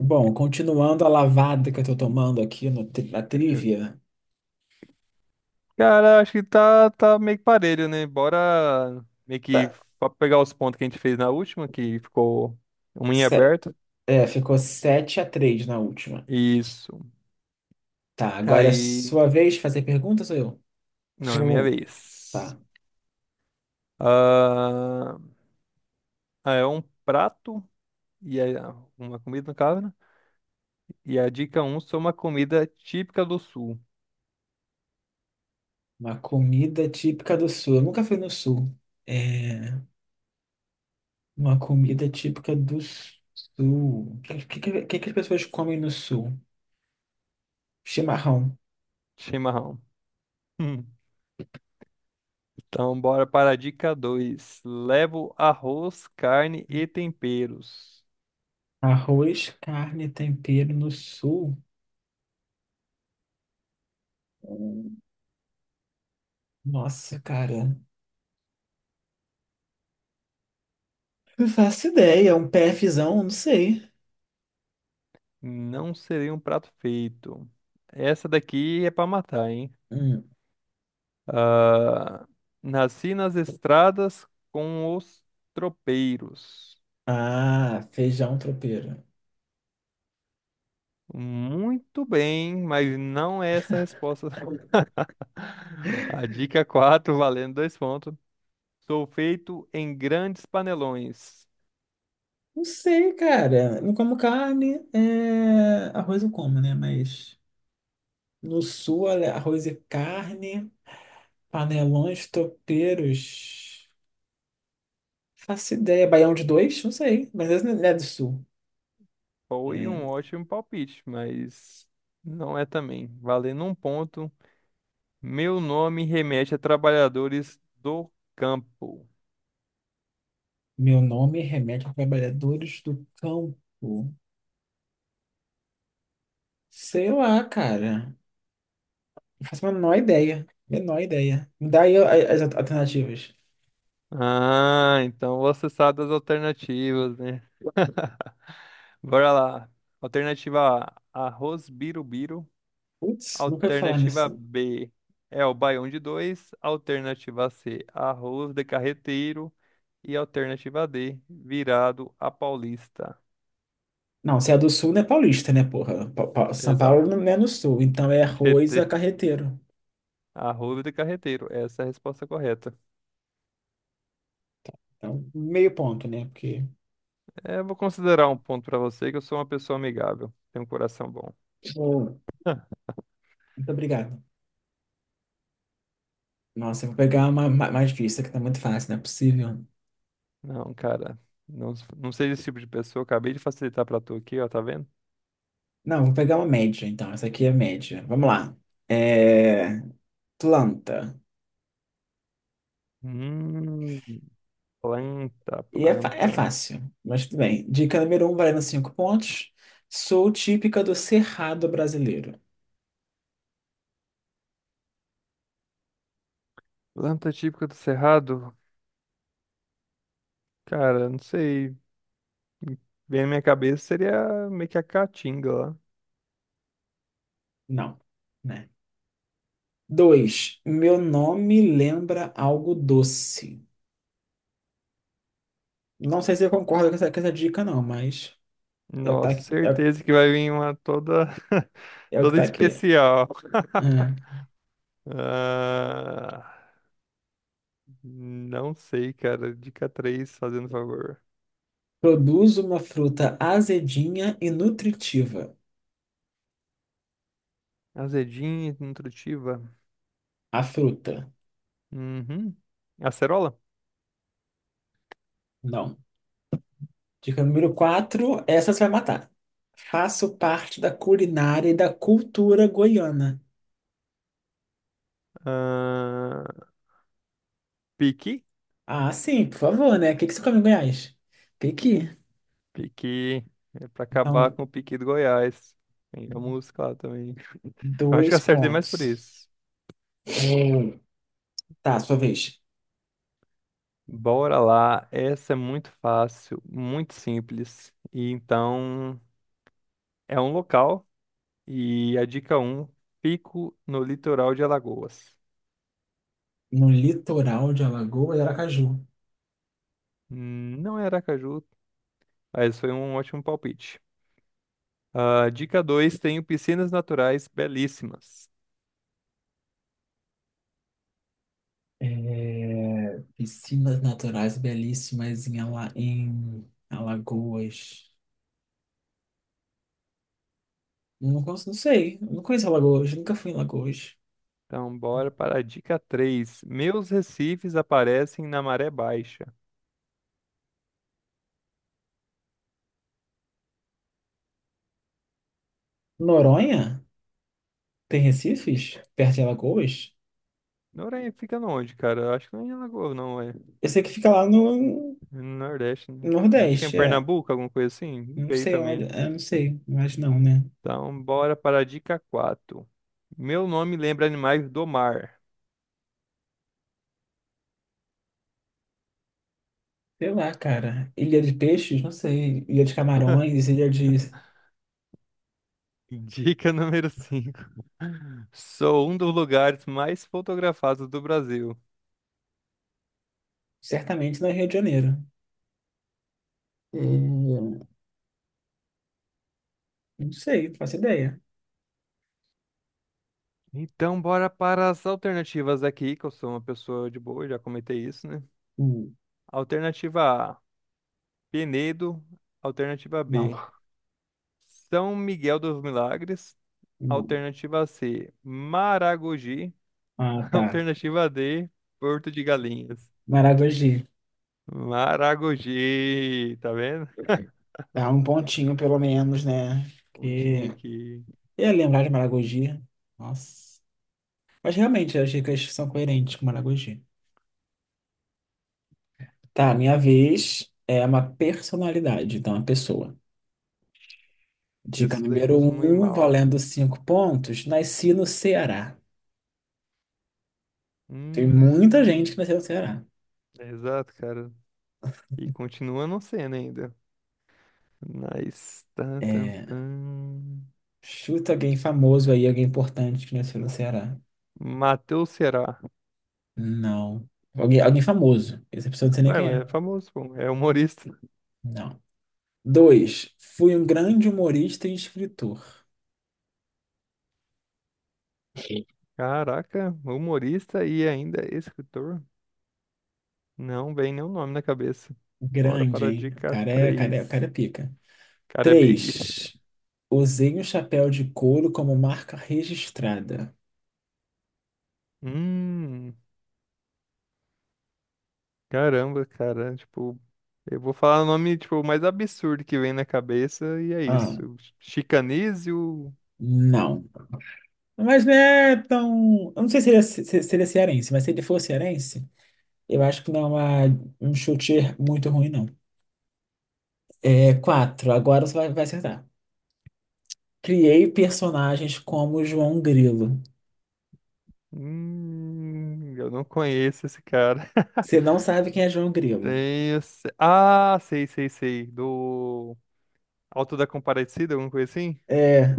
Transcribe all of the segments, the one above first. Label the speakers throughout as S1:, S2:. S1: Bom, continuando a lavada que eu tô tomando aqui no, tri- na trivia,
S2: Cara, acho que tá meio que parelho, né? Bora meio que
S1: tá,
S2: pegar os pontos que a gente fez na última, que ficou um em
S1: se-
S2: aberto.
S1: é, ficou 7-3 na última.
S2: Isso.
S1: Tá, agora é
S2: Aí.
S1: sua vez de fazer perguntas, sou eu?
S2: Não, é minha
S1: Hum.
S2: vez.
S1: Tá,
S2: Ah, ah, é um prato, e é uma comida, no caso, né? E a dica um são uma comida típica do sul:
S1: uma comida típica do sul. Eu nunca fui no sul. É, uma comida típica do sul. O que que as pessoas comem no sul? Chimarrão.
S2: chimarrão. Hum. Então, bora para a dica 2. Levo arroz, carne e temperos.
S1: Arroz, carne, e tempero no sul. Hum, Nossa, cara. Não faço ideia, é um PFzão, não sei.
S2: Não seria um prato feito. Essa daqui é pra matar, hein?
S1: Hum.
S2: Ah, nasci nas estradas com os tropeiros.
S1: Ah, feijão tropeiro.
S2: Muito bem, mas não é essa a resposta. A dica 4, valendo dois pontos. Sou feito em grandes panelões.
S1: Não sei, cara. Não como carne. Arroz eu como, né? Mas no sul, olha, arroz e carne, panelões, tropeiros. Faço ideia. Baião de dois? Não sei. Mas esse não é do sul.
S2: Foi um
S1: É,
S2: ótimo palpite, mas não é também. Valendo um ponto. Meu nome remete a trabalhadores do campo.
S1: meu nome remete a trabalhadores do campo. Sei lá, cara. Não faço a menor ideia. Menor ideia. Me dá aí as alternativas.
S2: Ah, então você sabe das alternativas, né? Bora lá. Alternativa A, arroz birubiru.
S1: Putz, nunca ouvi falar
S2: Alternativa
S1: nisso.
S2: B, é o baião de dois. Alternativa C, arroz de carreteiro. E alternativa D, virado a paulista.
S1: Não, se é do sul não é paulista, né, porra? São Paulo
S2: Exato.
S1: não é no sul, então é arroz a
S2: CT,
S1: carreteiro.
S2: arroz de carreteiro. Essa é a resposta correta.
S1: Então, meio ponto, né? Porque.
S2: É, eu vou considerar um ponto pra você que eu sou uma pessoa amigável. Tenho um coração bom.
S1: Boa. Muito obrigado. Nossa, eu vou pegar uma mais difícil, que tá muito fácil, não é possível.
S2: Não, cara. Não, seja esse tipo de pessoa. Acabei de facilitar pra tu aqui, ó, tá vendo?
S1: Não, vou pegar uma média, então. Essa aqui é média. Vamos lá. É... Planta.
S2: Hum, planta,
S1: E é
S2: planta.
S1: fácil, mas tudo bem. Dica número um, valendo cinco pontos. Sou típica do Cerrado brasileiro.
S2: Planta típica do Cerrado? Cara, não sei. Vem na minha cabeça seria meio que a caatinga lá.
S1: Não, né? Dois, meu nome lembra algo doce. Não sei se eu concordo com essa dica, não, mas é o que tá
S2: Nossa,
S1: aqui. É,
S2: certeza que vai vir uma toda,
S1: é o que
S2: toda
S1: tá aqui.
S2: especial.
S1: É.
S2: Ah, não sei, cara. Dica três, fazendo favor.
S1: Produz uma fruta azedinha e nutritiva.
S2: Azedinha, e nutritiva.
S1: A fruta.
S2: Uhum. Acerola?
S1: Não. Dica número 4. Essa você vai matar. Faço parte da culinária e da cultura goiana.
S2: Ah, Piqui?
S1: Ah, sim, por favor, né? O que que você come em Goiás? Pequi.
S2: Piqui. É pra acabar
S1: Então,
S2: com o Piqui do Goiás. Tem a música lá também. Eu acho que eu
S1: dois
S2: acertei mais por
S1: pontos.
S2: isso.
S1: Hum. Tá, sua vez.
S2: Bora lá. Essa é muito fácil, muito simples. E então, é um local. E a dica um: fico no litoral de Alagoas.
S1: No litoral de Alagoas e Aracaju.
S2: Não é Aracaju, mas foi um ótimo palpite. Ah, dica 2: tenho piscinas naturais belíssimas.
S1: É, piscinas naturais belíssimas em Alagoas. Não, não sei, eu não conheço Alagoas, nunca fui em Alagoas.
S2: Então, bora para a dica 3. Meus recifes aparecem na maré baixa.
S1: Noronha? Tem Recifes? Perto de Alagoas?
S2: Noronha fica onde, cara? Eu acho que não é em Alagoas, não, é
S1: Eu sei que fica lá no
S2: É no Nordeste, né? Eu acho que é em
S1: Nordeste, é.
S2: Pernambuco, alguma coisa assim. Não
S1: Não
S2: sei
S1: sei onde,
S2: também.
S1: não sei, mas não, né?
S2: Então, bora para a dica quatro. Meu nome lembra animais do mar.
S1: Sei lá, cara. Ilha de Peixes? Não sei. Ilha de Camarões, Ilha de.
S2: Dica número 5. Sou um dos lugares mais fotografados do Brasil.
S1: Certamente não é Rio de Janeiro. É, Não sei, não faço ideia.
S2: Então, bora para as alternativas aqui, que eu sou uma pessoa de boa, já comentei isso, né?
S1: Hum,
S2: Alternativa A, Penedo. Alternativa
S1: Não.
S2: B, São Miguel dos Milagres.
S1: Não.
S2: Alternativa C, Maragogi.
S1: Ah, tá.
S2: Alternativa D, Porto de Galinhas.
S1: Maragogi.
S2: Maragogi, tá vendo?
S1: Tá um pontinho, pelo menos, né? Que
S2: Pontinha aqui.
S1: eu ia lembrar de Maragogi. Nossa. Mas realmente, as dicas são coerentes com Maragogi. Tá, minha vez é uma personalidade, então, uma pessoa. Dica
S2: Essa daí eu
S1: número
S2: costumo ir
S1: um,
S2: mal.
S1: valendo cinco pontos. Nasci no Ceará. Tem muita gente que
S2: Hum,
S1: nasceu no Ceará.
S2: é exato, cara. E continua não sendo ainda. Nice. Tan, tan,
S1: É,
S2: tan.
S1: chuta alguém famoso aí, alguém importante que nasceu no Ceará.
S2: Matheus Ceará.
S1: Não. Alguém famoso. Essa pessoa não sei nem
S2: Ué,
S1: quem
S2: mas
S1: é.
S2: é famoso, pô. É humorista.
S1: Não. Dois, fui um grande humorista e escritor.
S2: Caraca, humorista e ainda escritor. Não vem nenhum nome na cabeça. Bora
S1: Grande,
S2: para a
S1: hein? O
S2: dica
S1: cara é, o cara é, o cara
S2: 3.
S1: é pica.
S2: Cara, é Big.
S1: Três, usei um chapéu de couro como marca registrada.
S2: Hum, caramba, cara. Tipo, eu vou falar o nome, tipo, mais absurdo que vem na cabeça e é
S1: Ah,
S2: isso. Chicanísio.
S1: não. Mas não é tão. Eu não sei se ele é cearense, mas se ele for cearense, eu acho que não é um chute muito ruim, não. É quatro, agora você vai acertar. Criei personagens como João Grilo.
S2: Eu não conheço esse cara.
S1: Você não sabe quem é João Grilo.
S2: Tem. Ah, sei. Do Alto da Comparecida, alguma coisa assim?
S1: É.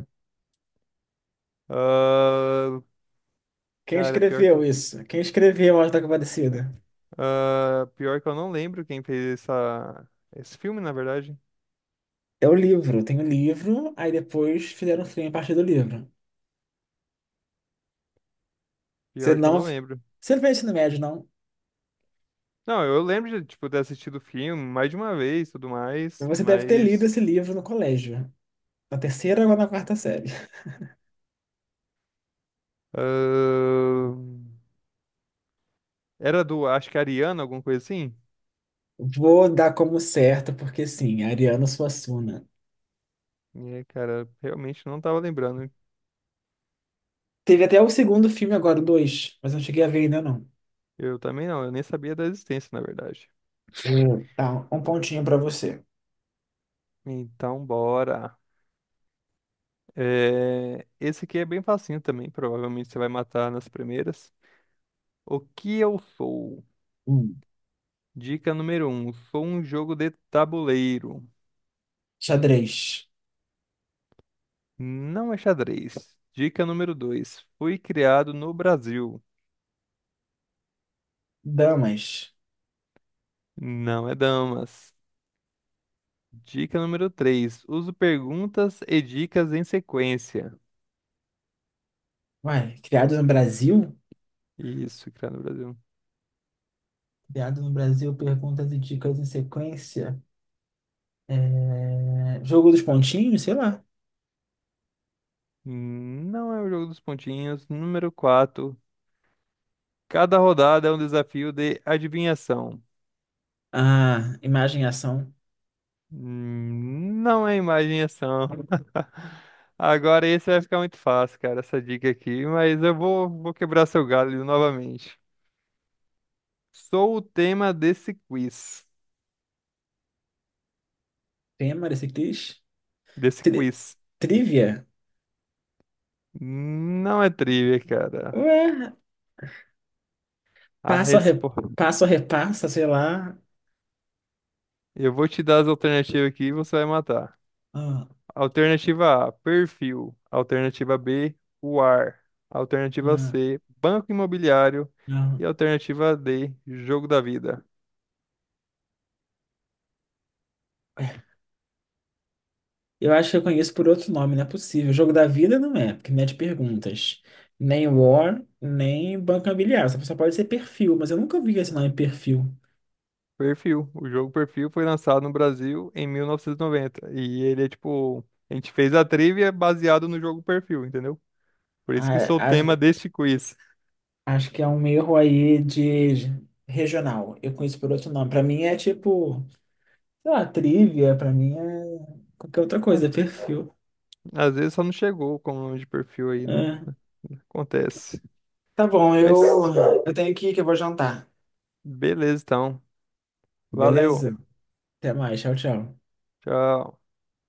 S2: Ah,
S1: Quem
S2: cara, pior que,
S1: escreveu isso? Quem escreveu A Hora da Compadecida?
S2: pior que eu não lembro quem fez essa... esse filme, na verdade.
S1: É o livro. Tem o livro, aí depois fizeram um filme a partir do livro. Você
S2: Pior que eu
S1: não.
S2: não lembro.
S1: Você não fez ensino médio, não?
S2: Não, eu lembro de, tipo, ter assistido o filme mais de uma vez, tudo mais,
S1: Você deve ter lido
S2: mas
S1: esse livro no colégio. Na terceira ou na quarta série.
S2: ahn, era do, acho que Ariana, alguma coisa assim.
S1: Vou dar como certo, porque sim, Ariano Suassuna.
S2: E, aí, cara, realmente não tava lembrando.
S1: Teve até o segundo filme agora, o dois, mas não cheguei a ver ainda, não.
S2: Eu também não, eu nem sabia da existência, na verdade.
S1: Hum. Tá, um pontinho pra você.
S2: Então, bora. É, esse aqui é bem facinho também, provavelmente você vai matar nas primeiras. O que eu sou?
S1: Hum.
S2: Dica número um, sou um jogo de tabuleiro.
S1: Xadrez.
S2: Não é xadrez. Dica número 2: Fui criado no Brasil.
S1: Damas.
S2: Não é damas. Dica número 3: Uso perguntas e dicas em sequência.
S1: Uai, criados no Brasil?
S2: Isso, criado no Brasil.
S1: Criado no Brasil, perguntas e dicas em sequência. É, jogo dos pontinhos, sei lá.
S2: Não é o jogo dos pontinhos. Número 4: Cada rodada é um desafio de adivinhação.
S1: Ah, imagem ação.
S2: Não é imagem e ação. Agora esse vai ficar muito fácil, cara, essa dica aqui, mas eu vou quebrar seu galho novamente. Sou o tema desse quiz.
S1: Tema desse quiz.
S2: Desse
S1: Tri-
S2: quiz.
S1: Trivia?
S2: Não é trivia, cara.
S1: Ué,
S2: A
S1: passa ou re-
S2: resposta
S1: passa ou repassa, sei lá.
S2: Eu vou te dar as alternativas aqui e você vai matar.
S1: Ah,
S2: Alternativa A, perfil. Alternativa B, o ar. Alternativa
S1: não,
S2: C, banco imobiliário.
S1: não.
S2: E alternativa D, jogo da vida.
S1: Eu acho que eu conheço por outro nome, não é possível. Jogo da vida não é, porque não é de perguntas. Nem War, nem Banca Bilhar. Só pode ser perfil, mas eu nunca vi esse nome perfil.
S2: Perfil. O jogo Perfil foi lançado no Brasil em 1990. E noventa. E ele é tipo. A gente fez a trivia baseado no jogo Perfil, entendeu? Por isso que
S1: Ah,
S2: sou o tema
S1: acho,
S2: deste quiz.
S1: Acho que é um erro aí de regional. Eu conheço por outro nome. Pra mim é tipo, sei lá, trivia, pra mim é qualquer outra
S2: Às
S1: coisa, é perfil.
S2: às vezes só não chegou com o nome de perfil aí. Né?
S1: É.
S2: Acontece.
S1: Tá bom,
S2: Mas
S1: eu tenho que ir que eu vou jantar.
S2: beleza, então. Valeu.
S1: Beleza? Até mais, tchau, tchau.
S2: Tchau.